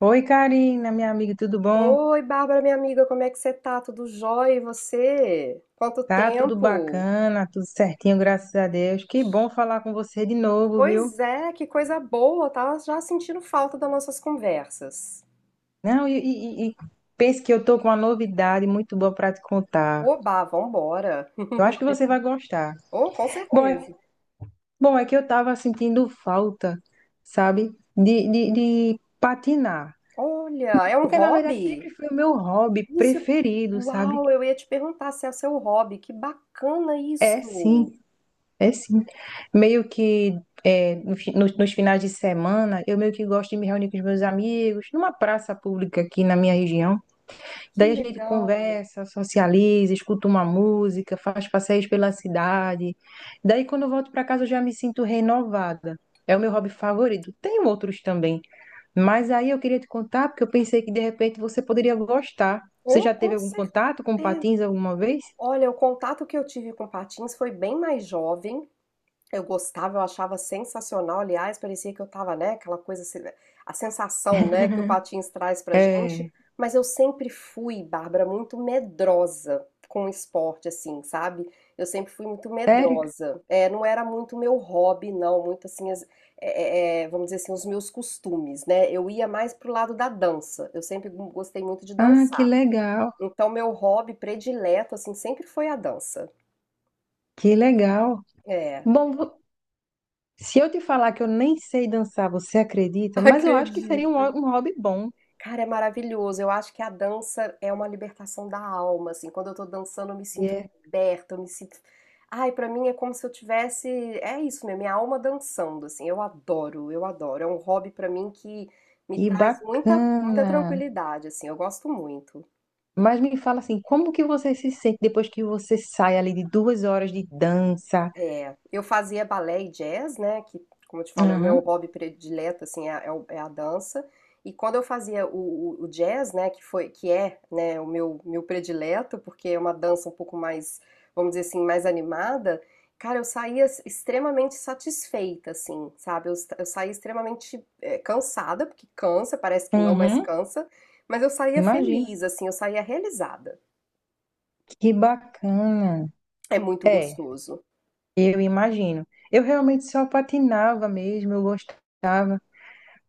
Oi, Karina, minha amiga, tudo bom? Oi, Bárbara, minha amiga, como é que você tá? Tudo jóia? E você? Quanto Tá tudo tempo? bacana, tudo certinho, graças a Deus. Que bom falar com você de novo, viu? Pois é, que coisa boa, tava já sentindo falta das nossas conversas. Não, e pense que eu tô com uma novidade muito boa para te contar. Oba, vambora. Eu acho que você vai gostar. Oh, com Bom, é, certeza. bom, é que eu tava sentindo falta, sabe, de patinar. Olha, é um Porque, na verdade, hobby? sempre foi o meu hobby Isso, preferido, sabe? uau, eu ia te perguntar se é o seu hobby. Que bacana É, sim. isso. É sim. Meio que é, no fi- nos, nos finais de semana, eu meio que gosto de me reunir com os meus amigos numa praça pública aqui na minha região. Que Daí a gente legal. conversa, socializa, escuta uma música, faz passeios pela cidade. Daí quando eu volto para casa, eu já me sinto renovada. É o meu hobby favorito. Tem outros também, mas aí eu queria te contar porque eu pensei que de repente você poderia gostar. Você Oh, já teve com algum contato com certeza. patins alguma vez? Olha, o contato que eu tive com patins foi bem mais jovem. Eu gostava, eu achava sensacional, aliás, parecia que eu tava, né, aquela coisa, assim, né, a sensação, né, que o patins traz pra gente, É, mas eu sempre fui, Bárbara, muito medrosa com o esporte, assim, sabe? Eu sempre fui muito sério? medrosa, é, não era muito meu hobby, não, muito assim, vamos dizer assim, os meus costumes, né? Eu ia mais pro lado da dança, eu sempre gostei muito de Ah, que dançar, legal, então meu hobby predileto, assim, sempre foi a dança. que legal. é, Bom, se eu te falar que eu nem sei dançar, você acredita? Mas eu acho que seria um, Acredito. ho- um hobby bom. Cara, é maravilhoso. Eu acho que a dança é uma libertação da alma, assim. Quando eu tô dançando, eu me sinto Yeah. liberta, eu me sinto. Ai, pra mim é como se eu tivesse, é isso mesmo, minha alma dançando, assim. Eu adoro, eu adoro. É um hobby pra mim que me E traz muita, muita bacana. tranquilidade, assim. Eu gosto muito. Mas me fala assim, como que você se sente depois que você sai ali de duas horas de dança? É, eu fazia balé e jazz, né? Que, como eu te falo, é o meu Uhum, hobby predileto, assim, é a dança. E quando eu fazia o, o jazz, né? Que foi, que é, né? O meu predileto, porque é uma dança um pouco mais, vamos dizer assim, mais animada. Cara, eu saía extremamente satisfeita, assim, sabe? Eu saía extremamente cansada, porque cansa, parece que não, mas uhum, cansa. Mas eu saía imagina. feliz, assim, eu saía realizada. Que bacana. É muito É, gostoso. eu imagino. Eu realmente só patinava mesmo, eu gostava.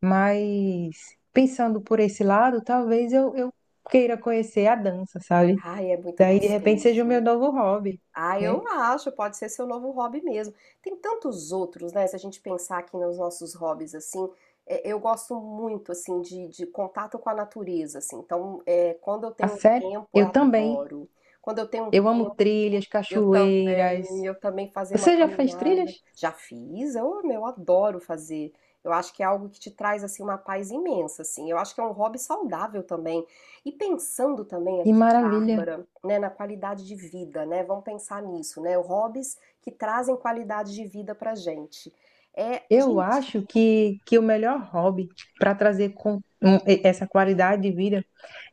Mas pensando por esse lado, talvez eu queira conhecer a dança, sabe? Ai, é muito Daí, de repente, seja o meu gostoso. novo hobby, Ah, né? eu acho, pode ser seu novo hobby mesmo. Tem tantos outros, né? Se a gente pensar aqui nos nossos hobbies, assim, eu gosto muito, assim, de contato com a natureza, assim. Então, quando eu A tenho um sério, tempo, eu eu também. adoro. Quando eu tenho um Eu amo trilhas, eu também, cachoeiras. eu também fazer uma Você já fez trilhas? caminhada. Já fiz, eu adoro fazer. Eu acho que é algo que te traz assim uma paz imensa, assim. Eu acho que é um hobby saudável também. E pensando também Que aqui, maravilha! Bárbara, né, na qualidade de vida, né? Vamos pensar nisso, né? Hobbies que trazem qualidade de vida pra gente. É, Eu gente, acho que o melhor hobby para trazer com, essa qualidade de vida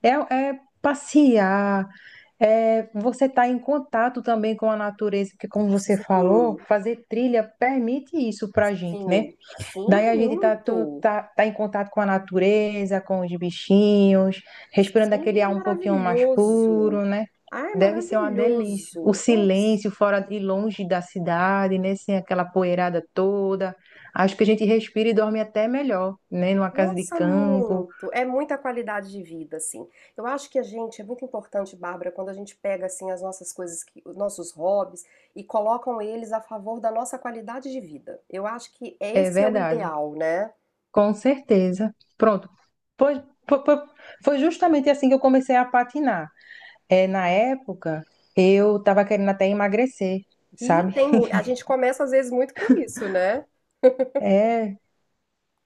é, é passear, é você estar em contato também com a natureza, porque como você falou, sim, fazer trilha permite isso para a gente, né? sim, Daí sim, a gente tá, tu- muito. tá, tá em contato com a natureza, com os bichinhos, respirando aquele Sim, é ar um pouquinho mais maravilhoso. puro, né? Ah, é Deve ser uma delícia. O maravilhoso. Nossa. silêncio fora e longe da cidade, né? Sem aquela poeirada toda. Acho que a gente respira e dorme até melhor, né? Numa casa de Nossa, campo. muito! É muita qualidade de vida, assim. Eu acho que a gente, é muito importante, Bárbara, quando a gente pega, assim, as nossas coisas, os nossos hobbies e colocam eles a favor da nossa qualidade de vida. Eu acho que É esse é o verdade. ideal, né? Com certeza. Pronto. Pois- po- po- foi justamente assim que eu comecei a patinar. É, na época, eu estava querendo até emagrecer, E sabe? tem, a gente começa, às vezes, muito por isso, né? É.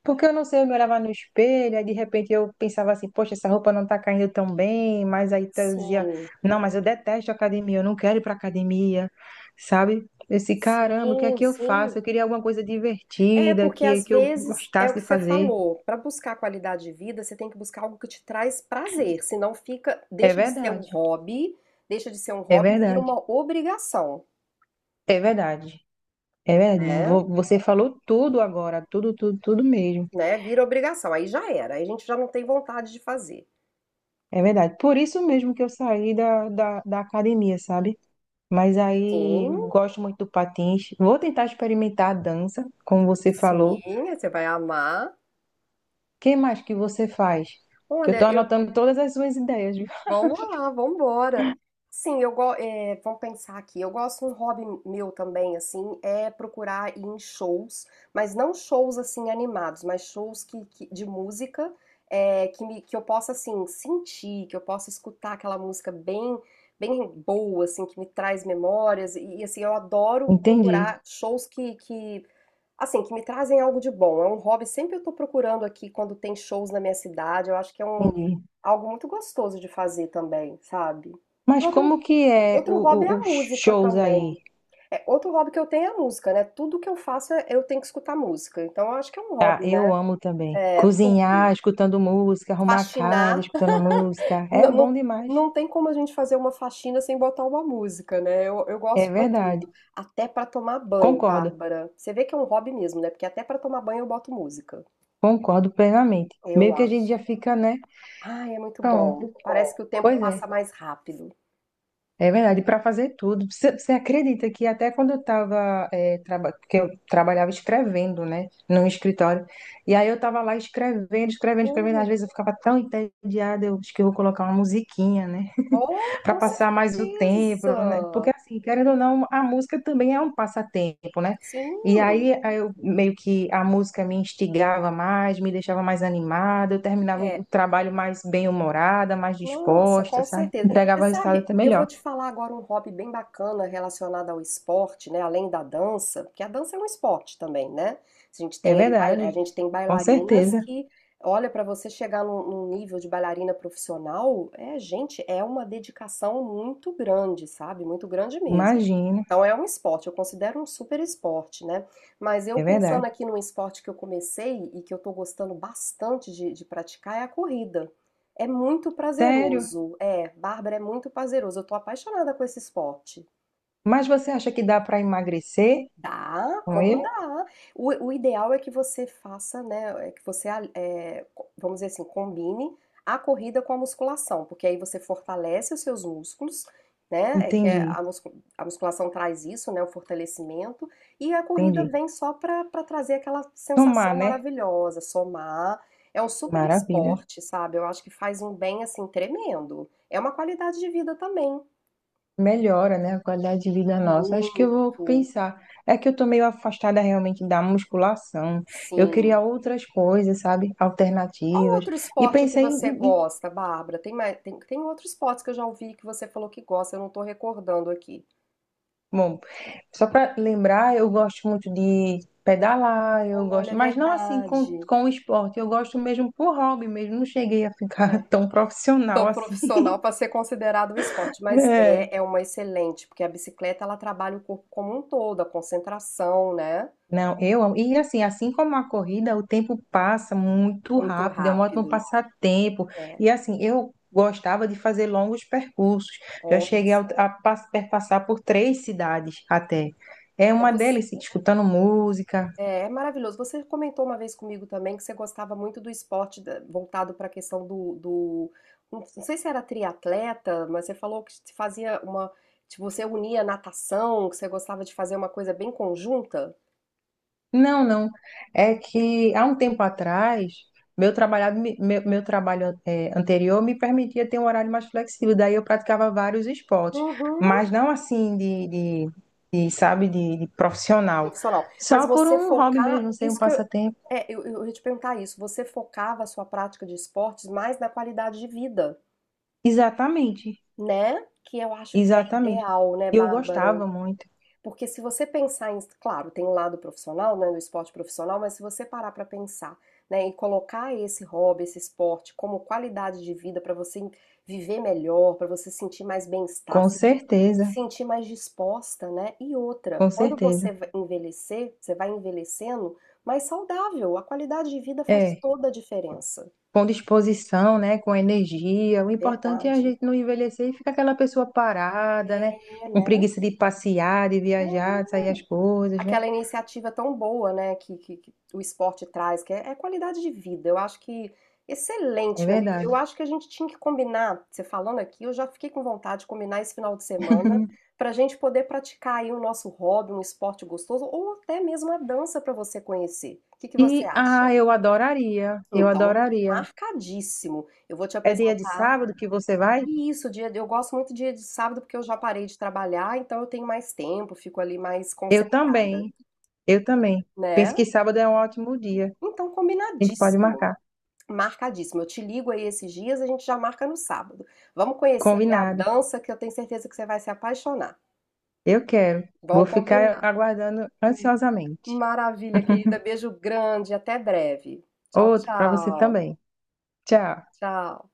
Porque eu não sei, eu me olhava no espelho, aí de repente eu pensava assim, poxa, essa roupa não tá caindo tão bem, mas aí eu dizia, Sim, não, mas eu detesto academia, eu não quero ir pra academia, sabe? Esse caramba, o que é sim, que eu sim. faço? Eu queria alguma coisa É, divertida, porque que, às que eu vezes é o gostasse que de você fazer. falou, para buscar qualidade de vida, você tem que buscar algo que te traz prazer, senão fica, É deixa de ser um verdade, hobby, deixa de ser um é hobby e vira verdade, uma obrigação, é verdade, é verdade. né? Você falou tudo agora, tudo, tudo, tudo mesmo. Né? Vira obrigação, aí já era, aí a gente já não tem vontade de fazer. É verdade. Por isso mesmo que eu saí da academia, sabe? Mas aí Sim, gosto muito do patins. Vou tentar experimentar a dança, como você falou. O sim, você vai amar. que mais que você faz? Que eu Olha, estou anotando todas as suas ideias, viu? vamos lá, vamos embora. Sim, vamos pensar aqui. Eu gosto, um hobby meu também, assim, é procurar ir em shows, mas não shows assim animados, mas shows que, de música, que eu possa assim sentir, que eu possa escutar aquela música bem boa, assim, que me traz memórias assim eu adoro Entendi, procurar shows que assim que me trazem algo de bom. É um hobby sempre eu estou procurando aqui quando tem shows na minha cidade. Eu acho que é um entendi. algo muito gostoso de fazer também, sabe? E Mas outro, como que é outro hobby é a os música shows também. aí? É, outro hobby que eu tenho é a música, né? Tudo que eu faço eu tenho que escutar música. Então eu acho que é um Tá, hobby, né? eu amo também. É, Cozinhar, tudo. escutando música, arrumar a casa, Faxinar. escutando música. É Não, bom não, demais. não tem como a gente fazer uma faxina sem botar uma música, né? Eu É gosto pra verdade. tudo. Até pra tomar banho, Concordo, Bárbara. Você vê que é um hobby mesmo, né? Porque até pra tomar banho eu boto música. concordo plenamente. Eu Meio que a gente já acho. fica, né? Ai, é muito bom. Parece que Pronto. o tempo Pois passa é. mais rápido. É verdade, para fazer tudo. Você acredita que até quando que eu trabalhava escrevendo, né, num escritório, e aí eu estava lá escrevendo, escrevendo, escrevendo, às Olha. vezes eu ficava tão entediada, eu acho que eu vou colocar uma musiquinha, né, Oh, para com passar mais o tempo, né? Porque certeza! assim, querendo ou não, a música também é um passatempo, né? E Sim, aí eu meio que a música me instigava mais, me deixava mais animada, eu terminava é. o trabalho mais bem-humorada, mais Nossa, disposta, com sabe? certeza. Você Entregava o resultado sabe, até eu vou melhor. te falar agora um hobby bem bacana relacionado ao esporte, né? Além da dança, porque a dança é um esporte também, né? A gente É tem aí, a verdade, gente tem com bailarinas certeza. que, olha, para você chegar num, nível de bailarina profissional, gente, é uma dedicação muito grande, sabe? Muito grande mesmo. Imagina, Então é um esporte, eu considero um super esporte, né? Mas eu é pensando verdade. aqui num esporte que eu comecei e que eu tô gostando bastante de praticar é a corrida. É muito Sério? prazeroso. É, Bárbara, é muito prazeroso. Eu tô apaixonada com esse esporte. Mas você acha que dá para emagrecer Dá, com como ele? dá. O ideal é que você faça, né? É que você, vamos dizer assim, combine a corrida com a musculação, porque aí você fortalece os seus músculos, né? É que é Entendi, a musculação traz isso, né? O fortalecimento. E a corrida entendi. vem só para trazer aquela sensação Tomar, né? maravilhosa, somar. É um super Maravilha. esporte, sabe? Eu acho que faz um bem, assim, tremendo. É uma qualidade de vida também. Melhora, né, a qualidade de vida nossa. Acho que eu vou Muito, pensar. É que eu tô meio afastada realmente da musculação. Eu queria sim. outras coisas, sabe? Qual Alternativas. outro E esporte que pensei em, você em- em- gosta, Bárbara? Tem mais, tem outros esportes que eu já ouvi que você falou que gosta, eu não estou recordando aqui. bom, só para lembrar, eu gosto muito de pedalar, eu Olha, gosto, é mas não assim com, verdade. com o esporte, eu gosto mesmo por hobby mesmo, não cheguei a ficar É, tão tão profissional assim. profissional para ser considerado um esporte, mas É. é uma excelente, porque a bicicleta ela trabalha o corpo como um todo, a concentração, né? Não, eu amo. E assim, assim como a corrida, o tempo passa muito Muito rápido, é um ótimo rápido. passatempo. É, E assim, eu gostava de fazer longos percursos, já olha. cheguei a perpassar por três cidades até. É É uma delícia, escutando música. é maravilhoso. Você comentou uma vez comigo também que você gostava muito do esporte voltado para a questão Não sei se era triatleta, mas você falou que se fazia uma. Que você unia natação, que você gostava de fazer uma coisa bem conjunta. Não, não. É que há um tempo atrás, meu trabalho anterior me permitia ter um horário mais flexível. Daí eu praticava vários esportes, Uhum. mas não assim de, sabe, de profissional. Profissional. Mas Só por você um hobby focar. mesmo, sem um Isso que eu. passatempo. É, eu ia te perguntar isso. Você focava a sua prática de esportes mais na qualidade de vida, Exatamente, né? Que eu acho que é exatamente. ideal, né, E eu Bárbara? gostava muito, Porque se você pensar em, claro, tem um lado profissional, né, do esporte profissional, mas se você parar para pensar, né, e colocar esse hobby, esse esporte como qualidade de vida para você viver melhor, para você sentir mais bem-estar, com sentir, certeza, sentir mais disposta, né? E outra, com quando você certeza. vai envelhecer, você vai envelhecendo mais saudável. A qualidade de vida faz É. toda a diferença. Com disposição, né, com energia. O importante é a Verdade. gente não envelhecer e ficar aquela pessoa parada, né, É, com né? preguiça de passear, de viajar, É. de sair as coisas, né? Aquela iniciativa tão boa, né, que o esporte traz, que é qualidade de vida. Eu acho que É excelente, minha amiga. verdade. Eu acho que a gente tinha que combinar, você falando aqui, eu já fiquei com vontade de combinar esse final de semana para a gente poder praticar aí o nosso hobby, um esporte gostoso, ou até mesmo a dança para você conhecer. O que que você E ah, acha? eu adoraria, eu Então, adoraria. marcadíssimo. Eu vou te É dia de apresentar. sábado que você vai? E isso, dia, eu gosto muito dia de sábado porque eu já parei de trabalhar, então eu tenho mais tempo, fico ali mais Eu concentrada, também, eu também. Penso né? que sábado é um ótimo dia. Então, A gente pode combinadíssimo, marcar. marcadíssimo. Eu te ligo aí esses dias, a gente já marca no sábado. Vamos conhecer aí a Combinado. dança, que eu tenho certeza que você vai se apaixonar. Eu quero. Vou Vamos ficar combinar. aguardando ansiosamente. Maravilha, querida. Beijo grande. Até breve. Tchau, Outro para você tchau. também. Tchau. Tchau.